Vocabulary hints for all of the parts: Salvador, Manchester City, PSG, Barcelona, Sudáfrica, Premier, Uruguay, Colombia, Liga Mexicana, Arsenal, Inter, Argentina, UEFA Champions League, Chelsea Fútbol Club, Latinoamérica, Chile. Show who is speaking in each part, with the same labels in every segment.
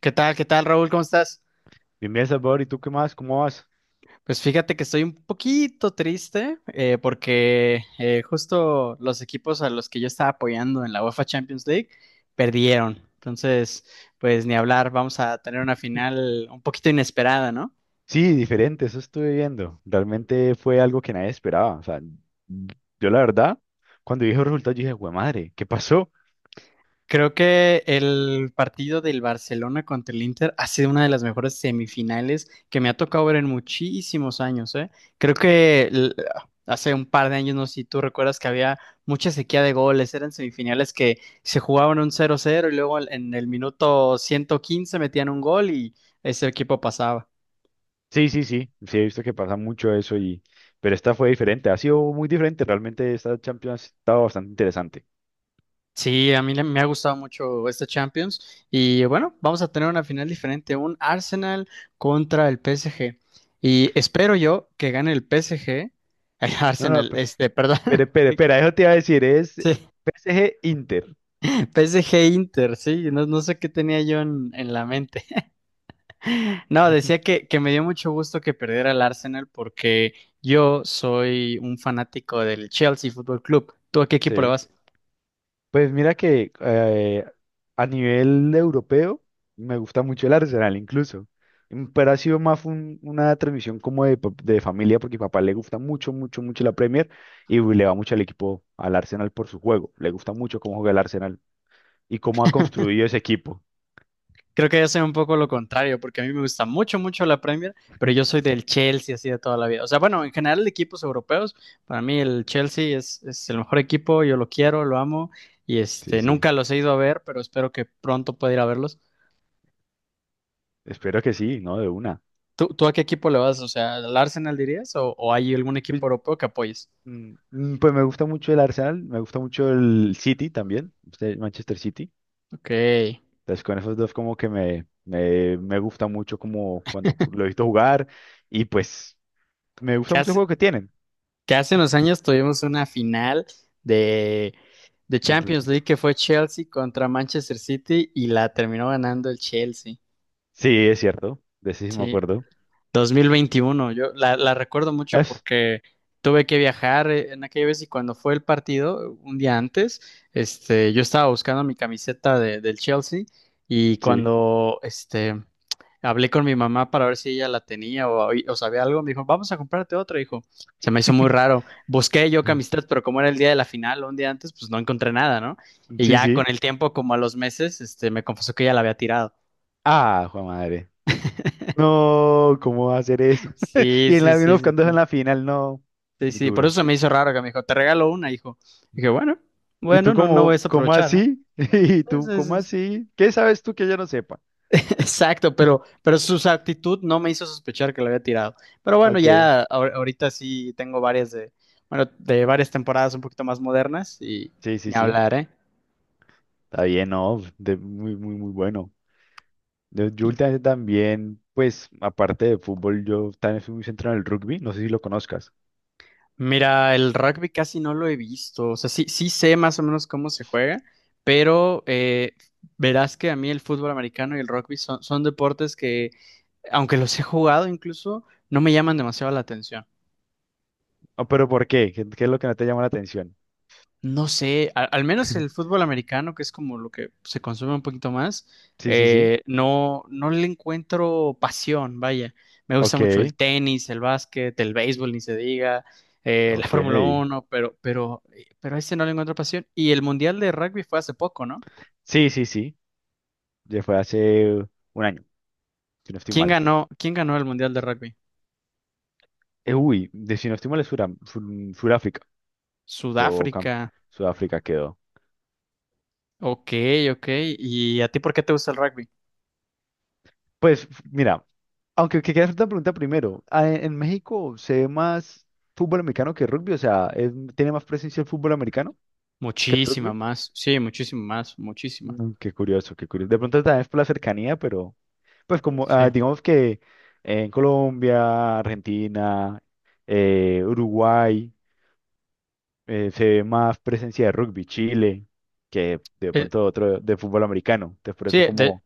Speaker 1: ¿Qué tal? ¿Qué tal, Raúl? ¿Cómo estás?
Speaker 2: Bien, bien, Salvador, ¿y tú qué más? ¿Cómo vas?
Speaker 1: Pues fíjate que estoy un poquito triste porque justo los equipos a los que yo estaba apoyando en la UEFA Champions League perdieron. Entonces, pues ni hablar, vamos a tener una final un poquito inesperada, ¿no?
Speaker 2: Sí, diferente, eso estuve viendo. Realmente fue algo que nadie esperaba. O sea, yo la verdad, cuando dije el resultado, yo dije, güey, madre, ¿qué pasó?
Speaker 1: Creo que el partido del Barcelona contra el Inter ha sido una de las mejores semifinales que me ha tocado ver en muchísimos años, ¿eh? Creo que l- Hace un par de años, no sé si tú recuerdas que había mucha sequía de goles, eran semifinales que se jugaban un cero cero y luego en el minuto 115 metían un gol y ese equipo pasaba.
Speaker 2: Sí, sí, sí, sí, he visto que pasa mucho eso y... Pero esta fue diferente, ha sido muy diferente. Realmente esta Champions ha estado bastante interesante.
Speaker 1: Sí, me ha gustado mucho esta Champions y bueno, vamos a tener una final diferente, un Arsenal contra el PSG y espero yo que gane el PSG, ay,
Speaker 2: No, no,
Speaker 1: Arsenal, este, perdón,
Speaker 2: pero, espera, eso te iba a decir, es
Speaker 1: sí,
Speaker 2: PSG Inter.
Speaker 1: PSG Inter, sí, no, no sé qué tenía yo en la mente. No, decía que me dio mucho gusto que perdiera el Arsenal porque yo soy un fanático del Chelsea Fútbol Club. ¿Tú a qué equipo le
Speaker 2: Sí.
Speaker 1: vas?
Speaker 2: Pues mira que a nivel europeo me gusta mucho el Arsenal incluso. Mm, pero ha sido más una transmisión como de, de familia, porque a mi papá le gusta mucho, mucho, mucho la Premier y le va mucho al equipo, al Arsenal, por su juego. Le gusta mucho cómo juega el Arsenal y cómo ha construido ese equipo.
Speaker 1: Creo que yo soy un poco lo contrario, porque a mí me gusta mucho, mucho la Premier, pero yo soy del Chelsea así de toda la vida. O sea, bueno, en general de equipos europeos, para mí el Chelsea es el mejor equipo, yo lo quiero, lo amo, y
Speaker 2: Sí,
Speaker 1: este,
Speaker 2: sí.
Speaker 1: nunca los he ido a ver, pero espero que pronto pueda ir a verlos.
Speaker 2: Espero que sí, ¿no? De una.
Speaker 1: ¿Tú a qué equipo le vas? O sea, ¿al Arsenal dirías? O hay algún
Speaker 2: Pues,
Speaker 1: equipo europeo que apoyes?
Speaker 2: pues me gusta mucho el Arsenal, me gusta mucho el City también, este Manchester City.
Speaker 1: Ok,
Speaker 2: Entonces con esos dos como que me gusta mucho como cuando lo he visto jugar, y pues me gusta mucho el
Speaker 1: hace,
Speaker 2: juego que tienen.
Speaker 1: que hace unos años tuvimos una final de, de
Speaker 2: Desde la
Speaker 1: Champions
Speaker 2: chimpa.
Speaker 1: League que fue Chelsea contra Manchester City y la terminó ganando el Chelsea.
Speaker 2: Sí, es cierto, de ese sí me
Speaker 1: Sí,
Speaker 2: acuerdo.
Speaker 1: 2021. Yo la recuerdo mucho
Speaker 2: Es,
Speaker 1: porque tuve que viajar en aquella vez y cuando fue el partido, un día antes, este, yo estaba buscando mi camiseta del Chelsea y
Speaker 2: sí,
Speaker 1: cuando este, hablé con mi mamá para ver si ella la tenía o sabía algo, me dijo, vamos a comprarte otra, hijo. Se me hizo muy raro. Busqué yo camisetas, pero como era el día de la final o un día antes, pues no encontré nada, ¿no? Y
Speaker 2: sí,
Speaker 1: ya con
Speaker 2: sí.
Speaker 1: el tiempo, como a los meses, este, me confesó que ella la había tirado.
Speaker 2: Ah, jue madre. No, ¿cómo va a hacer eso?
Speaker 1: Sí,
Speaker 2: Y en
Speaker 1: sí,
Speaker 2: la vino
Speaker 1: sí, sí,
Speaker 2: buscando en
Speaker 1: sí.
Speaker 2: la final, no,
Speaker 1: Sí,
Speaker 2: muy
Speaker 1: sí, por
Speaker 2: duro.
Speaker 1: eso se me hizo raro que me dijo, te regalo una, hijo. Dije, bueno,
Speaker 2: ¿Y
Speaker 1: bueno,
Speaker 2: tú
Speaker 1: no, no voy a
Speaker 2: cómo, cómo
Speaker 1: desaprovechar, ¿no?
Speaker 2: así? ¿Y
Speaker 1: Es-
Speaker 2: tú
Speaker 1: es-
Speaker 2: cómo
Speaker 1: es-
Speaker 2: así? ¿Qué sabes tú que yo no sepa?
Speaker 1: Exacto, pero su actitud no me hizo sospechar que lo había tirado. Pero bueno,
Speaker 2: Ok,
Speaker 1: ya ahorita sí tengo varias de, bueno, de varias temporadas un poquito más modernas y
Speaker 2: sí, sí,
Speaker 1: ni
Speaker 2: sí.
Speaker 1: hablar, ¿eh?
Speaker 2: Está bien, no, de- muy, muy, muy bueno. Yo últimamente también, pues, aparte de fútbol, yo también fui muy centrado en el rugby. No sé si lo conozcas.
Speaker 1: Mira, el rugby casi no lo he visto. O sea, sí, sí sé más o menos cómo se juega, pero verás que a mí el fútbol americano y el rugby son deportes que aunque los he jugado incluso, no me llaman demasiado la atención.
Speaker 2: Ah, pero ¿por qué? ¿Qué, qué es lo que no te llama la atención?
Speaker 1: No sé, menos el fútbol americano, que es como lo que se consume un poquito más,
Speaker 2: Sí, sí, sí.
Speaker 1: no, no le encuentro pasión, vaya. Me gusta
Speaker 2: Ok,
Speaker 1: mucho el tenis, el básquet, el béisbol, ni se diga, la
Speaker 2: ok.
Speaker 1: Fórmula Uno, pero a ese no le encuentro pasión. ¿Y el Mundial de Rugby fue hace poco, no?
Speaker 2: Sí, sí, sí. Ya fue hace un año, si no estoy mal.
Speaker 1: Quién ganó el Mundial de Rugby?
Speaker 2: De si no estoy mal es Sudáfrica. Quedó camp-
Speaker 1: Sudáfrica.
Speaker 2: Sudáfrica quedó.
Speaker 1: Ok, ok. ¿Y a ti por qué te gusta el rugby?
Speaker 2: Pues, mira, aunque que quieras hacer una pregunta primero. En México se ve más fútbol americano que rugby, o sea, tiene más presencia el fútbol americano que el
Speaker 1: Muchísima
Speaker 2: rugby.
Speaker 1: más, sí, muchísima más, muchísima.
Speaker 2: Mm, qué curioso, qué curioso. De pronto también es por la cercanía, pero pues como
Speaker 1: Sí.
Speaker 2: digamos que en Colombia, Argentina, Uruguay, se ve más presencia de rugby, Chile, que de
Speaker 1: Eh,
Speaker 2: pronto otro de fútbol americano. Entonces por
Speaker 1: sí,
Speaker 2: eso como,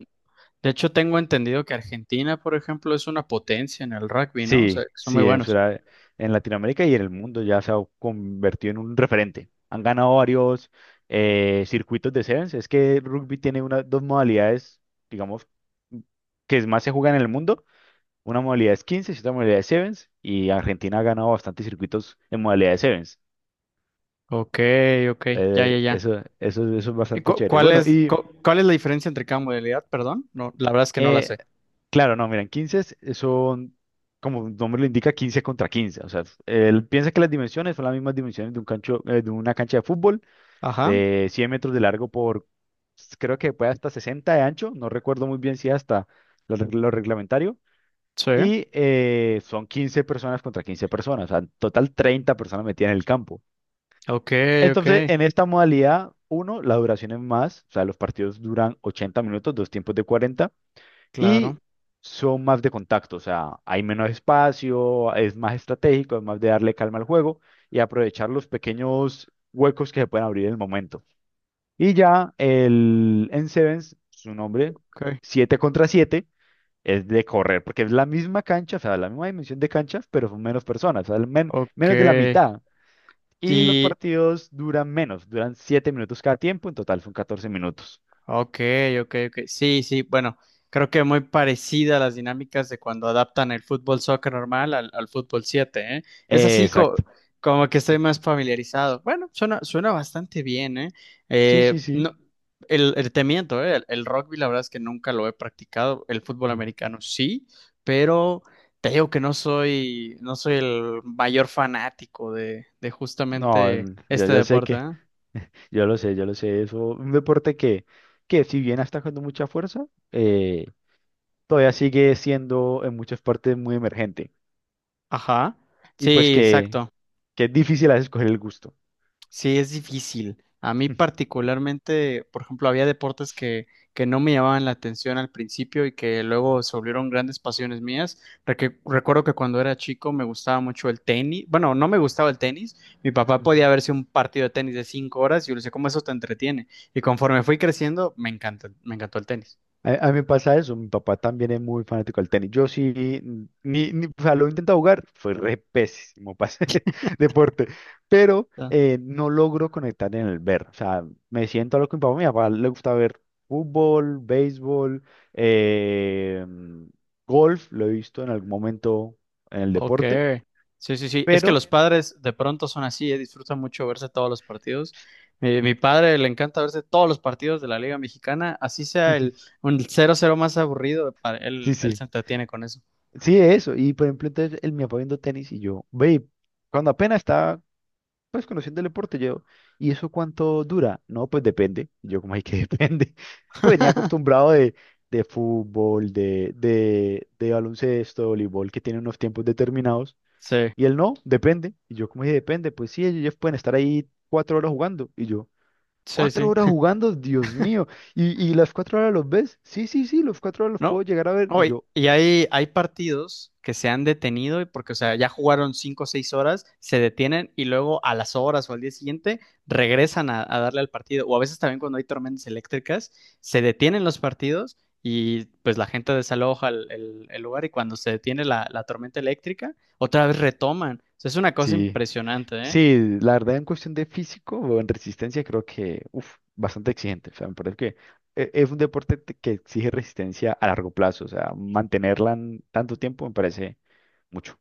Speaker 1: de hecho tengo entendido que Argentina, por ejemplo, es una potencia en el rugby, ¿no? O
Speaker 2: sí,
Speaker 1: sea, que son muy
Speaker 2: sí, en,
Speaker 1: buenos.
Speaker 2: En Latinoamérica y en el mundo ya se ha convertido en un referente. Han ganado varios circuitos de sevens. Es que el rugby tiene una, dos modalidades, digamos, que más se juega en el mundo. Una modalidad es 15 y otra modalidad es Sevens. Y Argentina ha ganado bastantes circuitos en modalidad de Sevens.
Speaker 1: Ok, ok, ya, ya, ya.
Speaker 2: Eso es
Speaker 1: ¿Y
Speaker 2: bastante chévere. Bueno, y
Speaker 1: cuál es la diferencia entre cada modalidad? Perdón, no, la verdad es que no la
Speaker 2: eh,
Speaker 1: sé.
Speaker 2: claro, no, miren, 15 son, como el nombre lo indica, 15 contra quince. O sea, él piensa que las dimensiones son las mismas dimensiones de, un cancho, de una cancha de fútbol
Speaker 1: Ajá,
Speaker 2: de 100 metros de largo por, creo que puede hasta 60 de ancho. No recuerdo muy bien si hasta lo, lo reglamentario.
Speaker 1: sí.
Speaker 2: Y son 15 personas contra 15 personas, o sea, en total 30 personas metidas en el campo.
Speaker 1: Ok, ok,
Speaker 2: Entonces, en esta modalidad, uno, la duración es más, o sea, los partidos duran 80 minutos, dos tiempos de 40,
Speaker 1: claro.
Speaker 2: y son más de contacto, o sea, hay menos espacio, es más estratégico, es más de darle calma al juego y aprovechar los pequeños huecos que se pueden abrir en el momento. Y ya el en Sevens, su nombre,
Speaker 1: Ok,
Speaker 2: 7 contra siete, es de correr, porque es la misma cancha, o sea, la misma dimensión de canchas, pero son menos personas, o sea,
Speaker 1: ok.
Speaker 2: menos de la mitad. Y los
Speaker 1: Y,
Speaker 2: partidos duran menos, duran 7 minutos cada tiempo, en total son 14 minutos.
Speaker 1: Ok, ok, ok. Sí, sí, bueno, creo que muy parecida a las dinámicas de cuando adaptan el fútbol soccer normal al fútbol 7. ¿Eh? Es así co-
Speaker 2: Exacto.
Speaker 1: Como que estoy más familiarizado. Bueno, suena, suena bastante bien, ¿eh?
Speaker 2: Sí, sí, sí.
Speaker 1: No, te miento, ¿eh? El rugby la verdad es que nunca lo he practicado, el fútbol
Speaker 2: Mm.
Speaker 1: americano sí, pero te digo que no soy, no soy el mayor fanático de
Speaker 2: No,
Speaker 1: justamente
Speaker 2: en- ya,
Speaker 1: este
Speaker 2: ya sé
Speaker 1: deporte,
Speaker 2: que,
Speaker 1: ¿eh?
Speaker 2: yo lo sé, eso, un deporte que si bien está con mucha fuerza, eh, todavía sigue siendo en muchas partes muy emergente.
Speaker 1: Ajá.
Speaker 2: Y pues
Speaker 1: Sí, exacto.
Speaker 2: que es difícil a veces coger el gusto.
Speaker 1: Sí, es difícil. A mí particularmente, por ejemplo, había deportes que no me llamaban la atención al principio y que luego se volvieron grandes pasiones mías. Recuerdo que cuando era chico me gustaba mucho el tenis. Bueno, no me gustaba el tenis. Mi papá podía
Speaker 2: Ujú.
Speaker 1: verse un partido de tenis de cinco horas y yo le decía, ¿cómo eso te entretiene? Y conforme fui creciendo, me encantó el tenis.
Speaker 2: A mí me pasa eso, mi papá también es muy fanático del tenis. Yo sí, ni, o sea, lo he intentado jugar, fue re pésimo para ese deporte, pero no logro conectar en el ver. O sea, me siento a lo que mi papá le gusta ver fútbol, béisbol, eh, golf, lo he visto en algún momento en el
Speaker 1: Ok,
Speaker 2: deporte,
Speaker 1: sí, sí, sí. Es que
Speaker 2: pero
Speaker 1: los padres de pronto son así, disfrutan mucho verse todos los partidos. Mi padre le encanta verse todos los partidos de la Liga Mexicana, así sea el un cero cero más aburrido, para él,
Speaker 2: sí,
Speaker 1: él
Speaker 2: sí,
Speaker 1: se entretiene con eso.
Speaker 2: sí, eso. Y por ejemplo, entonces él me papá viendo tenis y yo, ve, cuando apenas estaba. Pues conociendo el deporte, yo, ¿y eso cuánto dura? No, pues depende. Yo, como hay que depende. Pues venía acostumbrado de fútbol, de baloncesto, voleibol, que tiene unos tiempos determinados.
Speaker 1: Sí,
Speaker 2: Y él no, depende. Y yo, como dije, depende. Pues sí, ellos pueden estar ahí 4 horas jugando. Y yo,
Speaker 1: sí,
Speaker 2: ¿cuatro
Speaker 1: sí.
Speaker 2: horas jugando? Dios mío. Y las 4 horas los ves? Sí, sí, sí, los 4 horas los
Speaker 1: No,
Speaker 2: puedo llegar a ver. Y
Speaker 1: hoy,
Speaker 2: yo,
Speaker 1: y hay partidos que se han detenido y porque, o sea, ya jugaron cinco o seis horas, se detienen y luego a las horas o al día siguiente regresan a darle al partido. O a veces también cuando hay tormentas eléctricas, se detienen los partidos y pues la gente desaloja el lugar y cuando se detiene la tormenta eléctrica, otra vez retoman. O sea, es una cosa
Speaker 2: sí.
Speaker 1: impresionante, ¿eh?
Speaker 2: Sí, la verdad en cuestión de físico o en resistencia creo que, uf, bastante exigente. O sea, me parece que es un deporte que exige resistencia a largo plazo. O sea, mantenerla en tanto tiempo me parece mucho.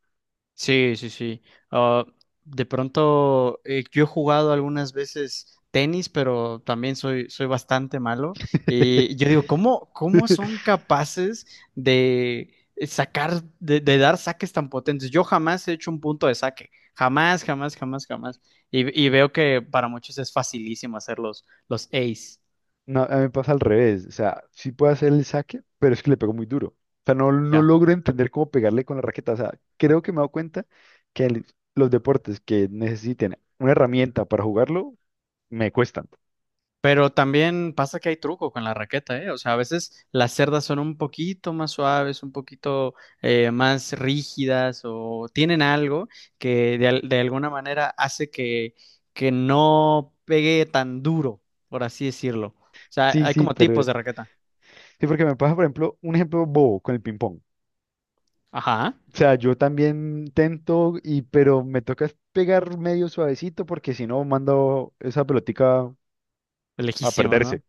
Speaker 1: Sí, sí, sí. Ah, de pronto, yo he jugado algunas veces tenis, pero también soy, soy bastante malo. Y yo digo, ¿cómo, cómo son capaces de sacar, de dar saques tan potentes? Yo jamás he hecho un punto de saque. Jamás, jamás, jamás, jamás. Y veo que para muchos es facilísimo hacer los ace.
Speaker 2: No, a mí me pasa al revés. O sea, sí puedo hacer el saque, pero es que le pego muy duro. O sea, no, no logro entender cómo pegarle con la raqueta. O sea, creo que me he dado cuenta que los deportes que necesiten una herramienta para jugarlo me cuestan.
Speaker 1: Pero también pasa que hay truco con la raqueta, ¿eh? O sea, a veces las cerdas son un poquito más suaves, un poquito más rígidas o tienen algo que de, de alguna manera hace que no pegue tan duro, por así decirlo. O sea,
Speaker 2: Sí,
Speaker 1: hay
Speaker 2: sí,
Speaker 1: como tipos
Speaker 2: pero
Speaker 1: de raqueta.
Speaker 2: sí, porque me pasa, por ejemplo, un ejemplo bobo con el ping-pong.
Speaker 1: Ajá,
Speaker 2: O sea, yo también tento, y, pero me toca es pegar medio suavecito porque si no mando esa pelotica a
Speaker 1: lejísimo, ¿no?
Speaker 2: perderse.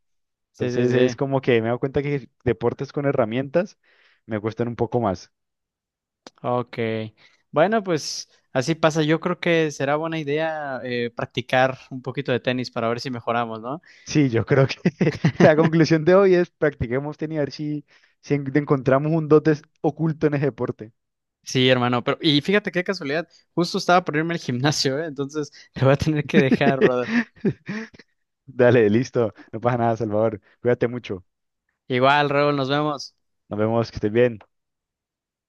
Speaker 1: Sí, sí,
Speaker 2: Entonces es
Speaker 1: sí.
Speaker 2: como que me doy cuenta que deportes con herramientas me cuestan un poco más.
Speaker 1: Ok. Bueno, pues así pasa. Yo creo que será buena idea practicar un poquito de tenis para ver si mejoramos, ¿no?
Speaker 2: Sí, yo creo que la conclusión de hoy es practiquemos tenis a ver si, encontramos un dotes oculto en ese deporte.
Speaker 1: Sí, hermano, pero y fíjate qué casualidad, justo estaba por irme al gimnasio, ¿eh? Entonces te voy a tener que dejar, brother.
Speaker 2: Dale, listo. No pasa nada, Salvador. Cuídate mucho.
Speaker 1: Igual, Raúl, nos vemos.
Speaker 2: Nos vemos, que estés bien.